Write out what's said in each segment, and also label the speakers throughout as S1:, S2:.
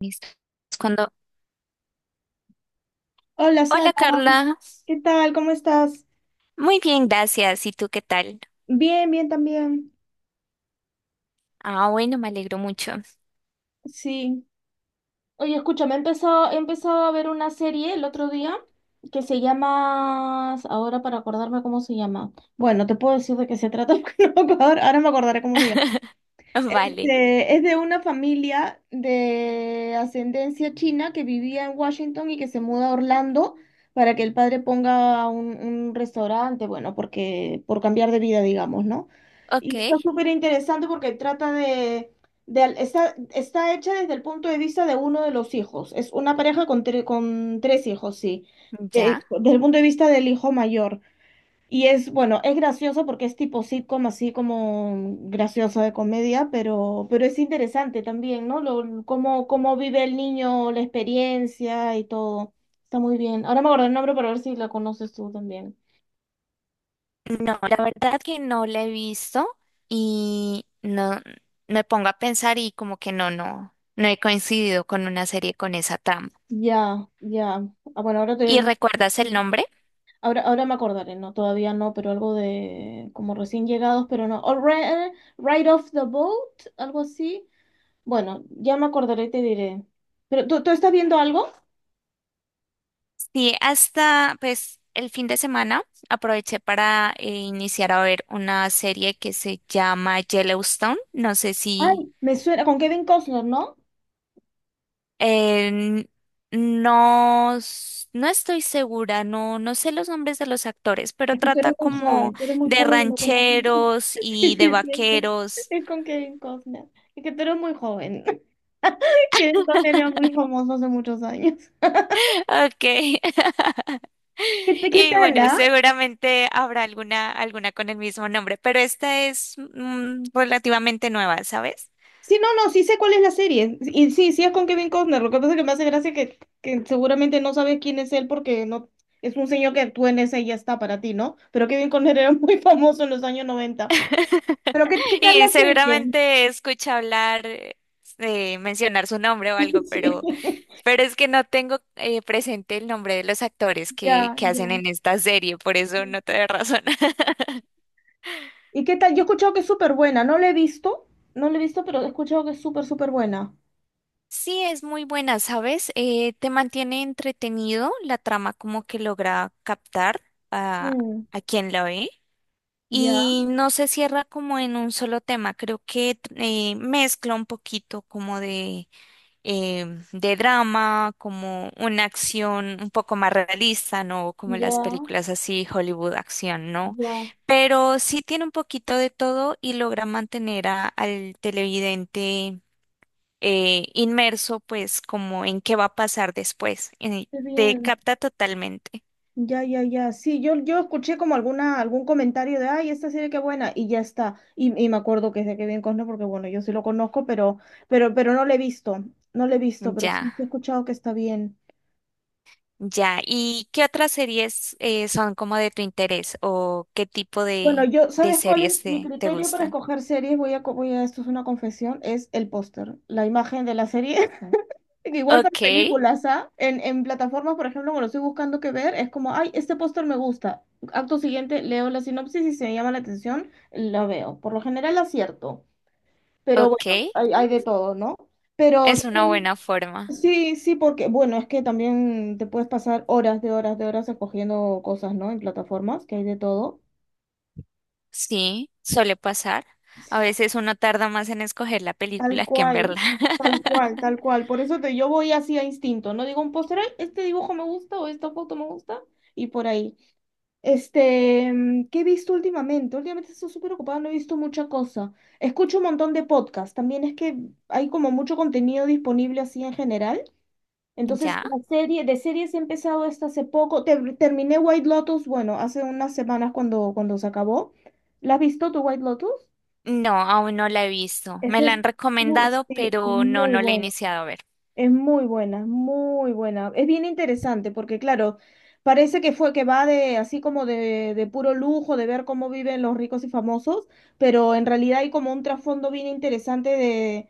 S1: Listo. Es Cuando,
S2: Hola Sara,
S1: hola Carla,
S2: ¿qué tal? ¿Cómo estás?
S1: muy bien, gracias. ¿Y tú qué tal?
S2: Bien, bien también.
S1: Ah, bueno, me alegro mucho.
S2: Sí. Oye, escúchame, he empezado a ver una serie el otro día que se llama, ahora para acordarme cómo se llama. Bueno, te puedo decir de qué se trata, porque no me acuerdo, ahora me acordaré cómo se llama.
S1: Vale,
S2: Es de una familia de ascendencia china que vivía en Washington y que se muda a Orlando para que el padre ponga un restaurante, bueno, porque por cambiar de vida, digamos, ¿no?
S1: ok,
S2: Y está súper interesante porque trata de al- está, está hecha desde el punto de vista de uno de los hijos. Es una pareja con, con tres hijos, sí.
S1: ya.
S2: Desde el punto de vista del hijo mayor. Y es, bueno, es gracioso porque es tipo sitcom, así como gracioso de comedia, pero es interesante también, ¿no? Cómo vive el niño, la experiencia y todo. Está muy bien. Ahora me acuerdo el nombre para ver si la conoces tú también.
S1: No, la verdad que no la he visto y no me pongo a pensar y como que no he coincidido con una serie con esa trama.
S2: Ya, ya. Ah, bueno, ahora te...
S1: ¿Y recuerdas el nombre?
S2: Ahora, ahora me acordaré, no, todavía no, pero algo de como recién llegados, pero no. Ride off the boat, algo así. Bueno, ya me acordaré y te diré. Pero, ¿tú estás viendo algo?
S1: Sí, hasta pues el fin de semana aproveché para iniciar a ver una serie que se llama Yellowstone. No sé si
S2: Ay, me suena con Kevin Costner, ¿no?
S1: Eh, no, no estoy segura, no, no sé los nombres de los actores, pero
S2: Es que tú
S1: trata
S2: eres muy
S1: como
S2: joven, tú eres muy
S1: de
S2: joven y no conoces.
S1: rancheros
S2: Sí,
S1: y de
S2: sí, sí,
S1: vaqueros.
S2: es con Kevin Costner. Es que tú eres muy joven. Kevin Costner era muy famoso hace muchos años.
S1: Ok.
S2: ¿Qué, qué
S1: Y
S2: tal,
S1: bueno,
S2: ah?
S1: seguramente habrá alguna, alguna con el mismo nombre, pero esta es relativamente nueva, ¿sabes?
S2: Sí, no, no, sí sé cuál es la serie. Y sí, sí es con Kevin Costner. Lo que pasa es que me hace gracia que seguramente no sabes quién es él porque no es un señor que actúa en esa y ya está para ti, ¿no? Pero Kevin Costner era muy famoso en los años 90. Pero ¿qué, qué tal la
S1: Y
S2: serie?
S1: seguramente escucha hablar, mencionar su nombre o algo, pero
S2: Sí.
S1: Pero es que no tengo presente el nombre de los actores que,
S2: Ya,
S1: que
S2: ya.
S1: hacen en esta serie, por eso no te doy razón.
S2: ¿Y qué tal? Yo he escuchado que es súper buena, no la he visto, no la he visto, pero he escuchado que es súper, súper buena.
S1: Sí, es muy buena, ¿sabes? Te mantiene entretenido, la trama como que logra captar a,
S2: Mm,
S1: a quien la ve
S2: ya,
S1: y no se cierra como en un solo tema, creo que mezcla un poquito como de drama, como una acción un poco más realista, ¿no? Como las
S2: Ya,
S1: películas así, Hollywood acción, ¿no?
S2: ya,
S1: Pero sí tiene un poquito de todo y logra mantener al televidente inmerso, pues, como en qué va a pasar después.
S2: qué
S1: Te
S2: bien.
S1: capta totalmente.
S2: Ya, ya, ya. Sí, yo escuché como alguna, algún comentario de, ay, esta serie qué buena, y ya está. Y me acuerdo que es de Kevin Costner, porque bueno, yo sí lo conozco, pero no la he visto, no la he visto, pero sí
S1: Ya.
S2: sí he escuchado que está bien.
S1: Ya, ¿y qué otras series son como de tu interés o qué tipo
S2: Bueno, yo,
S1: de
S2: ¿sabes cuál
S1: series
S2: es mi
S1: te
S2: criterio para
S1: gustan?
S2: escoger series? Voy a, esto es una confesión, es el póster, la imagen de la serie. Que igual para
S1: Ok,
S2: películas, ¿ah? En plataformas, por ejemplo, cuando estoy buscando qué ver, es como, ay, este póster me gusta. Acto siguiente, leo la sinopsis y si me llama la atención, lo veo. Por lo general acierto, pero
S1: ok.
S2: bueno, hay de todo, ¿no? Pero
S1: Es una buena forma.
S2: sí, sí, porque, bueno, es que también te puedes pasar horas de horas de horas escogiendo cosas, ¿no? En plataformas, que hay de todo.
S1: Sí, suele pasar. A veces uno tarda más en escoger la
S2: Tal
S1: película que en
S2: cual,
S1: verla.
S2: tal cual, tal cual. Por eso yo voy así a instinto, no digo un póster, "Ay, este dibujo me gusta o esta foto me gusta", y por ahí. ¿Qué he visto últimamente? Últimamente estoy súper ocupada, no he visto mucha cosa. Escucho un montón de podcasts. También es que hay como mucho contenido disponible así en general. Entonces,
S1: ¿Ya?
S2: la serie, de series he empezado esta hace poco. Terminé White Lotus, bueno, hace unas semanas cuando se acabó. ¿La has visto tu White Lotus?
S1: No, aún no la he visto. Me
S2: Ese
S1: la
S2: es,
S1: han recomendado,
S2: sí,
S1: pero no,
S2: muy
S1: no la he
S2: bueno.
S1: iniciado a ver.
S2: Es muy buena, muy buena. Es bien interesante porque, claro, parece que fue que va de así como de puro lujo, de ver cómo viven los ricos y famosos, pero en realidad hay como un trasfondo bien interesante de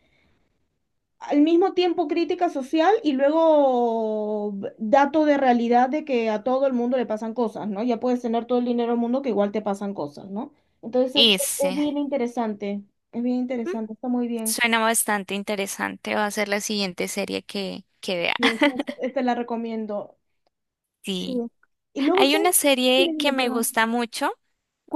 S2: al mismo tiempo crítica social y luego dato de realidad de que a todo el mundo le pasan cosas, ¿no? Ya puedes tener todo el dinero del mundo que igual te pasan cosas, ¿no? Entonces es,
S1: Y
S2: es
S1: sí,
S2: bien interesante, es bien
S1: mm,
S2: interesante, está muy bien.
S1: suena bastante interesante. Va a ser la siguiente serie que vea.
S2: Y esa la recomiendo. Sí.
S1: Sí.
S2: Y luego,
S1: Hay
S2: ¿sabes?
S1: una
S2: Sí, dime,
S1: serie que
S2: dime,
S1: me
S2: perdón.
S1: gusta mucho.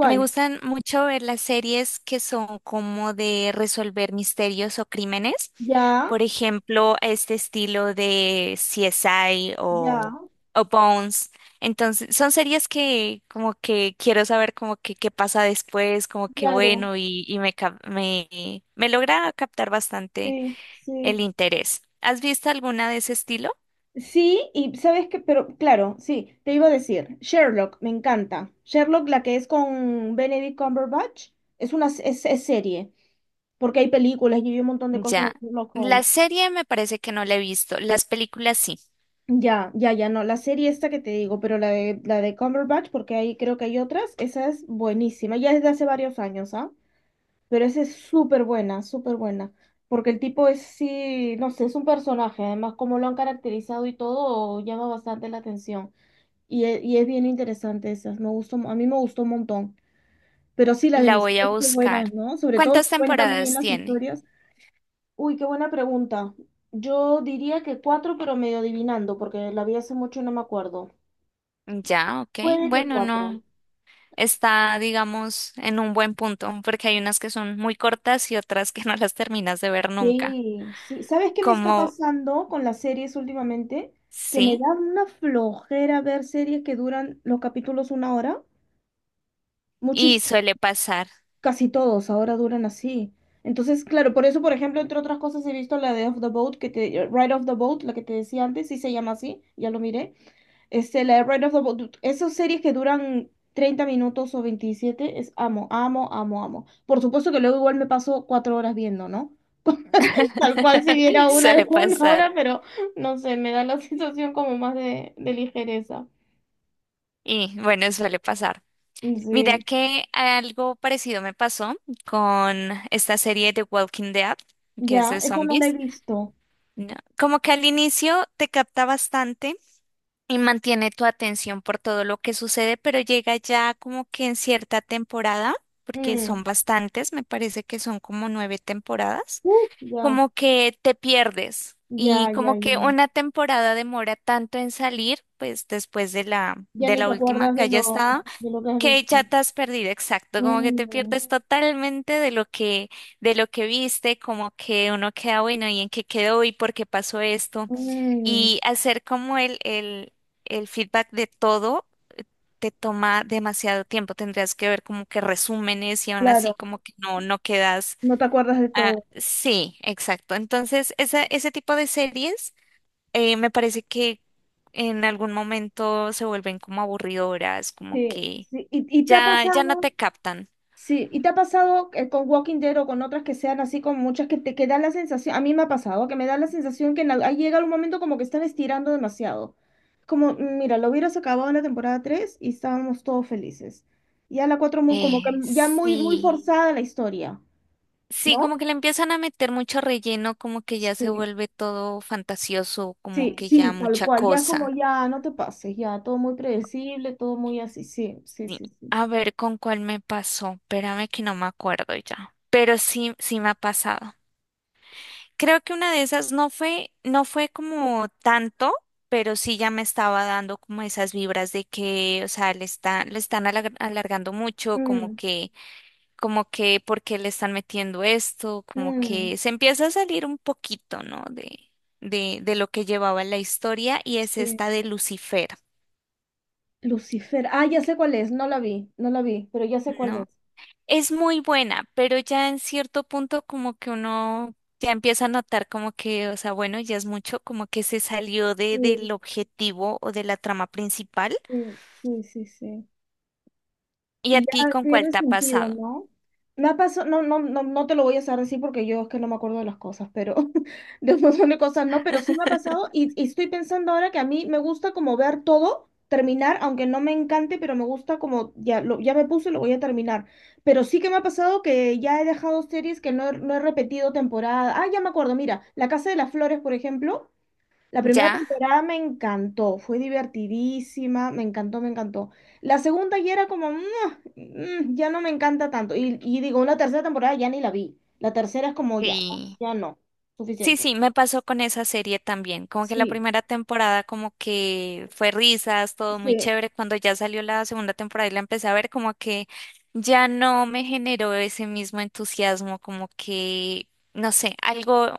S1: Me gustan mucho ver las series que son como de resolver misterios o crímenes.
S2: Ya,
S1: Por ejemplo, este estilo de CSI
S2: ya,
S1: o Bones. Entonces, son series que como que quiero saber como que qué pasa después, como que
S2: claro.
S1: bueno, me logra captar bastante
S2: Sí, sí.
S1: el interés. ¿Has visto alguna de ese estilo?
S2: Sí, y sabes que, pero claro, sí, te iba a decir, Sherlock, me encanta. Sherlock, la que es con Benedict Cumberbatch, es una es serie, porque hay películas y hay un montón de cosas de
S1: Ya.
S2: Sherlock
S1: La
S2: Holmes.
S1: serie me parece que no la he visto. Las películas sí.
S2: Ya, ya, ya, no, la serie esta que te digo, pero la de Cumberbatch, porque ahí creo que hay otras, esa es buenísima, ya es de hace varios años, ¿ah? Pero esa es súper buena, súper buena. Porque el tipo es, sí, no sé, es un personaje. Además, como lo han caracterizado y todo, llama bastante la atención. Y es bien interesante esas. Me gustó, a mí me gustó un montón. Pero sí, las de
S1: La
S2: mis
S1: voy
S2: hijos
S1: a
S2: son
S1: buscar.
S2: buenas, ¿no? Sobre todo si
S1: ¿Cuántas
S2: cuentan bien
S1: temporadas
S2: las
S1: tiene?
S2: historias. Uy, qué buena pregunta. Yo diría que cuatro, pero medio adivinando, porque la vi hace mucho y no me acuerdo.
S1: Ya, ok.
S2: Puede que
S1: Bueno,
S2: cuatro.
S1: no. Está, digamos, en un buen punto, porque hay unas que son muy cortas y otras que no las terminas de ver nunca.
S2: Sí, sí. ¿Sabes qué me está
S1: Como,
S2: pasando con las series últimamente? Que me
S1: sí,
S2: da una flojera ver series que duran los capítulos una hora. Muchis,
S1: y suele pasar.
S2: casi todos ahora duran así. Entonces, claro, por eso, por ejemplo, entre otras cosas he visto la de Off the Boat, que te, Ride of the Boat, la que te decía antes, sí se llama así, ya lo miré. La de Ride of the Boat, esas series que duran 30 minutos o 27, es amo, amo, amo, amo. Por supuesto que luego igual me paso 4 horas viendo, ¿no? Tal cual si viera una de
S1: Suele
S2: una
S1: pasar.
S2: hora, pero no sé, me da la sensación como más de ligereza.
S1: Y bueno, suele pasar. Mira
S2: Sí,
S1: que algo parecido me pasó con esta serie de Walking Dead, que es
S2: ya,
S1: de
S2: esa no la he
S1: zombies.
S2: visto.
S1: No, como que al inicio te capta bastante y mantiene tu atención por todo lo que sucede, pero llega ya como que en cierta temporada, porque
S2: Mm.
S1: son bastantes, me parece que son como nueve temporadas,
S2: Ya,
S1: como que te pierdes y
S2: ya, ya,
S1: como que
S2: ya.
S1: una temporada demora tanto en salir, pues después
S2: Ya
S1: de
S2: ni
S1: la
S2: te
S1: última
S2: acuerdas
S1: que haya estado,
S2: de lo que has
S1: que ya
S2: visto.
S1: te has perdido, exacto, como que te
S2: Mm,
S1: pierdes totalmente de lo que viste, como que uno queda bueno y en qué quedó y por qué pasó esto.
S2: mm,
S1: Y hacer como el feedback de todo te toma demasiado tiempo. Tendrías que ver como que resúmenes y aún así
S2: claro,
S1: como que no, no quedas.
S2: no te acuerdas de
S1: Ah,
S2: todo.
S1: sí, exacto. Entonces, esa, ese tipo de series me parece que en algún momento se vuelven como aburridoras, como
S2: Sí,
S1: que
S2: sí. Y te ha
S1: ya, ya no
S2: pasado?
S1: te captan.
S2: Sí, ¿y te ha pasado con Walking Dead o con otras que sean así con muchas que te que da la sensación, a mí me ha pasado, que me da la sensación que en ahí llega un momento como que están estirando demasiado. Como, "Mm, mira, lo hubieras acabado en la temporada 3 y estábamos todos felices". Ya la 4 muy, como que ya muy, muy
S1: Sí.
S2: forzada la historia,
S1: Sí,
S2: ¿no?
S1: como que le empiezan a meter mucho relleno, como que ya se
S2: Sí,
S1: vuelve todo fantasioso, como
S2: sí,
S1: que
S2: sí,
S1: ya
S2: tal
S1: mucha
S2: cual, ya es como
S1: cosa.
S2: ya, no te pases, ya, todo muy predecible, todo muy así, sí, sí,
S1: Sí.
S2: sí, sí.
S1: A ver con cuál me pasó. Espérame que no me acuerdo ya. Pero sí, sí me ha pasado. Creo que una de esas no fue, no fue como tanto, pero sí ya me estaba dando como esas vibras de que, o sea, le están alargando mucho,
S2: Mm,
S1: como que, ¿por qué le están metiendo esto? Como
S2: mm,
S1: que se empieza a salir un poquito, ¿no? De lo que llevaba la historia y es
S2: sí.
S1: esta de Lucifer,
S2: Lucifer. Ah, ya sé cuál es. No la vi, no la vi, pero ya sé cuál
S1: ¿no?
S2: es.
S1: Es muy buena, pero ya en cierto punto como que uno ya empieza a notar como que, o sea, bueno, ya es mucho, como que se salió de,
S2: Sí,
S1: del objetivo o de la trama principal.
S2: sí, sí, sí, sí.
S1: ¿Y a
S2: Y
S1: ti
S2: ya
S1: con cuál
S2: pierde
S1: te ha
S2: sentido,
S1: pasado?
S2: ¿no? Me ha pasado, no, no, no, no te lo voy a hacer así porque yo es que no me acuerdo de las cosas, pero de un montón de cosas no, pero sí me ha pasado y estoy pensando ahora que a mí me gusta como ver todo, terminar, aunque no me encante, pero me gusta como ya, lo, ya me puse, lo voy a terminar. Pero sí que me ha pasado que ya he dejado series que no he repetido temporada. Ah, ya me acuerdo, mira, La Casa de las Flores, por ejemplo. La primera
S1: ¿Ya?
S2: temporada me encantó, fue divertidísima, me encantó, me encantó. La segunda ya era como, "Mua, mm, ya no me encanta tanto". Y digo, una tercera temporada ya ni la vi. La tercera es como, ya, no,
S1: Sí.
S2: ya no,
S1: Sí,
S2: suficiente.
S1: sí, me pasó con esa serie también, como que la
S2: Sí,
S1: primera temporada como que fue risas, todo muy
S2: sí,
S1: chévere, cuando ya salió la segunda temporada y la empecé a ver como que ya no me generó ese mismo entusiasmo, como que, no sé, algo,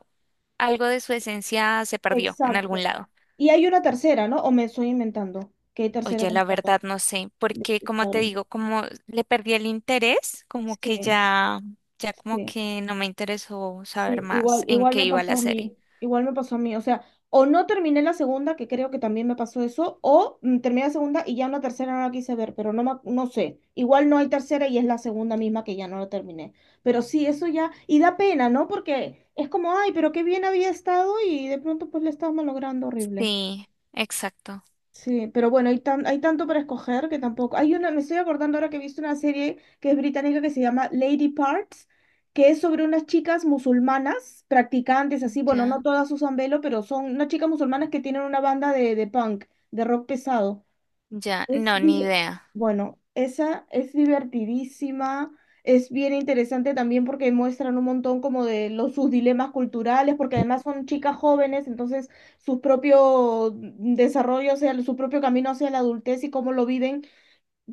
S1: algo de su esencia se perdió en
S2: exacto.
S1: algún lado.
S2: Y hay una tercera, ¿no? O me estoy inventando que hay tercera
S1: Oye, la
S2: temporada.
S1: verdad no sé,
S2: De
S1: porque como
S2: Star
S1: te
S2: Wars.
S1: digo, como le perdí el interés, como que
S2: Sí,
S1: ya, ya como
S2: sí.
S1: que no me interesó saber
S2: Sí, igual,
S1: más en
S2: igual
S1: qué
S2: me
S1: iba
S2: pasó
S1: la
S2: a
S1: serie.
S2: mí, igual me pasó a mí, o sea, o no terminé la segunda, que creo que también me pasó eso, o terminé la segunda y ya en la tercera no la quise ver, pero no, no sé, igual no hay tercera y es la segunda misma que ya no la terminé, pero sí, eso ya, y da pena, ¿no? Porque es como, ay, pero qué bien había estado y de pronto pues le estaba malogrando horrible.
S1: Sí, exacto.
S2: Sí, pero bueno, hay tanto para escoger que tampoco. Hay una, me estoy acordando ahora que he visto una serie que es británica que se llama Lady Parts, que es sobre unas chicas musulmanas, practicantes, así, bueno, no
S1: Ya,
S2: todas usan velo, pero son unas chicas musulmanas que tienen una banda de punk, de rock pesado.
S1: ya,
S2: Es
S1: no, ni
S2: div-
S1: idea.
S2: Bueno, esa es divertidísima, es bien interesante también porque muestran un montón como de los, sus dilemas culturales, porque además son chicas jóvenes, entonces su propio desarrollo, o sea, su propio camino hacia la adultez y cómo lo viven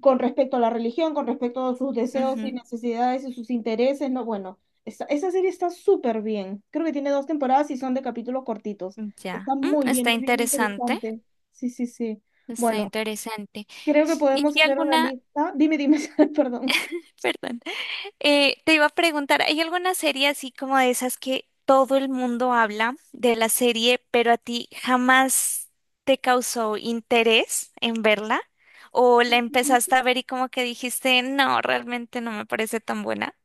S2: con respecto a la religión, con respecto a sus deseos y
S1: Ujú,
S2: necesidades y sus intereses, ¿no? Bueno, esa serie está súper bien, creo que tiene dos temporadas y son de capítulos cortitos,
S1: ya,
S2: está
S1: mm,
S2: muy bien,
S1: está
S2: es bien
S1: interesante,
S2: interesante, sí, sí, sí.
S1: está
S2: Bueno,
S1: interesante.
S2: creo que
S1: ¿Y
S2: podemos
S1: hay
S2: hacer una
S1: alguna,
S2: lista. Dime, dime, perdón.
S1: perdón, te iba a preguntar, ¿hay alguna serie así como de esas que todo el mundo habla de la serie, pero a ti jamás te causó interés en verla? ¿O la empezaste a ver y como que dijiste, no, realmente no me parece tan buena?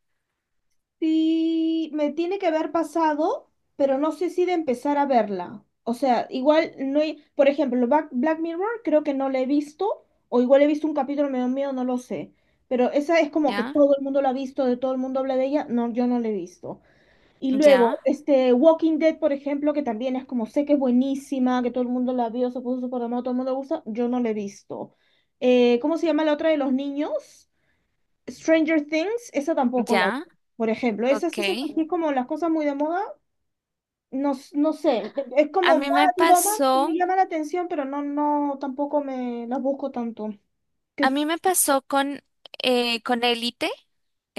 S2: Sí, me tiene que haber pasado, pero no sé si de empezar a verla. O sea, igual no hay, por ejemplo, Black Mirror creo que no la he visto, o igual he visto un capítulo, me dio miedo, no lo sé. Pero esa es como que
S1: Ya,
S2: todo el mundo la ha visto, de todo el mundo habla de ella. No, yo no la he visto. Y luego,
S1: ya,
S2: Walking Dead, por ejemplo, que también es como sé que es buenísima, que todo el mundo la vio, se puso súper de moda, todo el mundo le gusta, yo no la he visto. ¿Cómo se llama la otra de los niños? Stranger Things, esa tampoco la
S1: ya,
S2: vi. Por ejemplo,
S1: ok.
S2: esas así como las cosas muy de moda, no, no sé, es como,
S1: A
S2: ah,
S1: mí me
S2: digo, ah, me
S1: pasó.
S2: llama la atención, pero no, no, tampoco me las busco tanto.
S1: A
S2: Que,
S1: mí me pasó con Élite,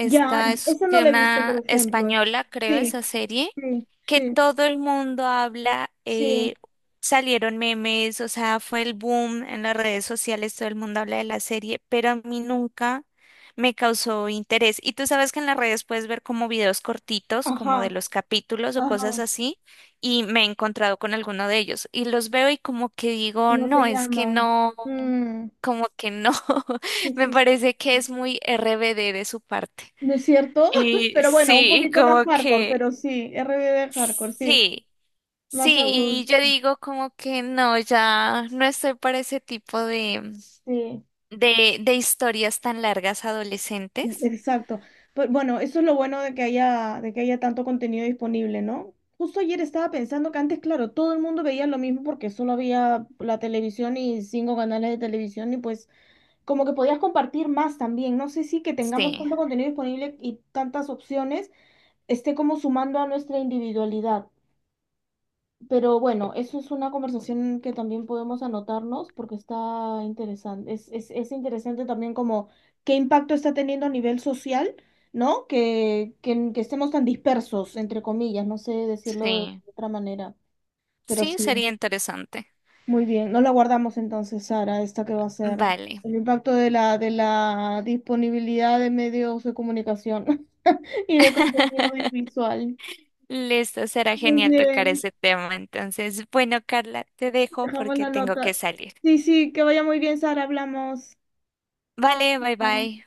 S2: ya,
S1: es
S2: esa no
S1: que
S2: la he visto, por
S1: una
S2: ejemplo.
S1: española, creo,
S2: Sí,
S1: esa serie,
S2: sí,
S1: que
S2: sí,
S1: todo el mundo habla,
S2: sí,
S1: salieron memes, o sea, fue el boom en las redes sociales, todo el mundo habla de la serie, pero a mí nunca me causó interés. Y tú sabes que en las redes puedes ver como videos cortitos, como de
S2: ajá,
S1: los capítulos o cosas
S2: ajá,
S1: así, y me he encontrado con alguno de ellos, y los veo y como que digo,
S2: no te
S1: no, es que
S2: llaman.
S1: no
S2: Mm,
S1: como que no.
S2: sí,
S1: Me
S2: sí, sí.
S1: parece que es muy RBD de su parte.
S2: ¿No es cierto?
S1: Y
S2: Pero bueno, un
S1: sí,
S2: poquito más
S1: como
S2: hardcore,
S1: que
S2: pero sí, R RBD hardcore, sí,
S1: sí,
S2: más
S1: sí, y yo
S2: adulto,
S1: digo como que no, ya no estoy para ese tipo de,
S2: sí.
S1: de historias tan largas adolescentes.
S2: Exacto. Pero bueno, eso es lo bueno de que haya tanto contenido disponible, ¿no? Justo ayer estaba pensando que antes, claro, todo el mundo veía lo mismo porque solo había la televisión y cinco canales de televisión y pues como que podías compartir más también. No sé si que tengamos
S1: Sí,
S2: tanto contenido disponible y tantas opciones esté como sumando a nuestra individualidad. Pero bueno, eso es una conversación que también podemos anotarnos porque está interesante. Es interesante también como qué impacto está teniendo a nivel social, ¿no? Que estemos tan dispersos, entre comillas, no sé decirlo de
S1: sí,
S2: otra manera, pero
S1: sí,
S2: sí.
S1: sería interesante.
S2: Muy bien, no la guardamos entonces, Sara, esta que va a ser
S1: Vale.
S2: el impacto de la disponibilidad de medios de comunicación y de contenido audiovisual.
S1: Listo, será
S2: Muy
S1: genial tocar
S2: bien.
S1: ese tema. Entonces, bueno, Carla, te dejo
S2: Dejamos
S1: porque
S2: la
S1: tengo que
S2: nota.
S1: salir.
S2: Sí, sí, que vaya muy bien, Sara. Hablamos. Chao.
S1: Vale, bye
S2: Chao.
S1: bye.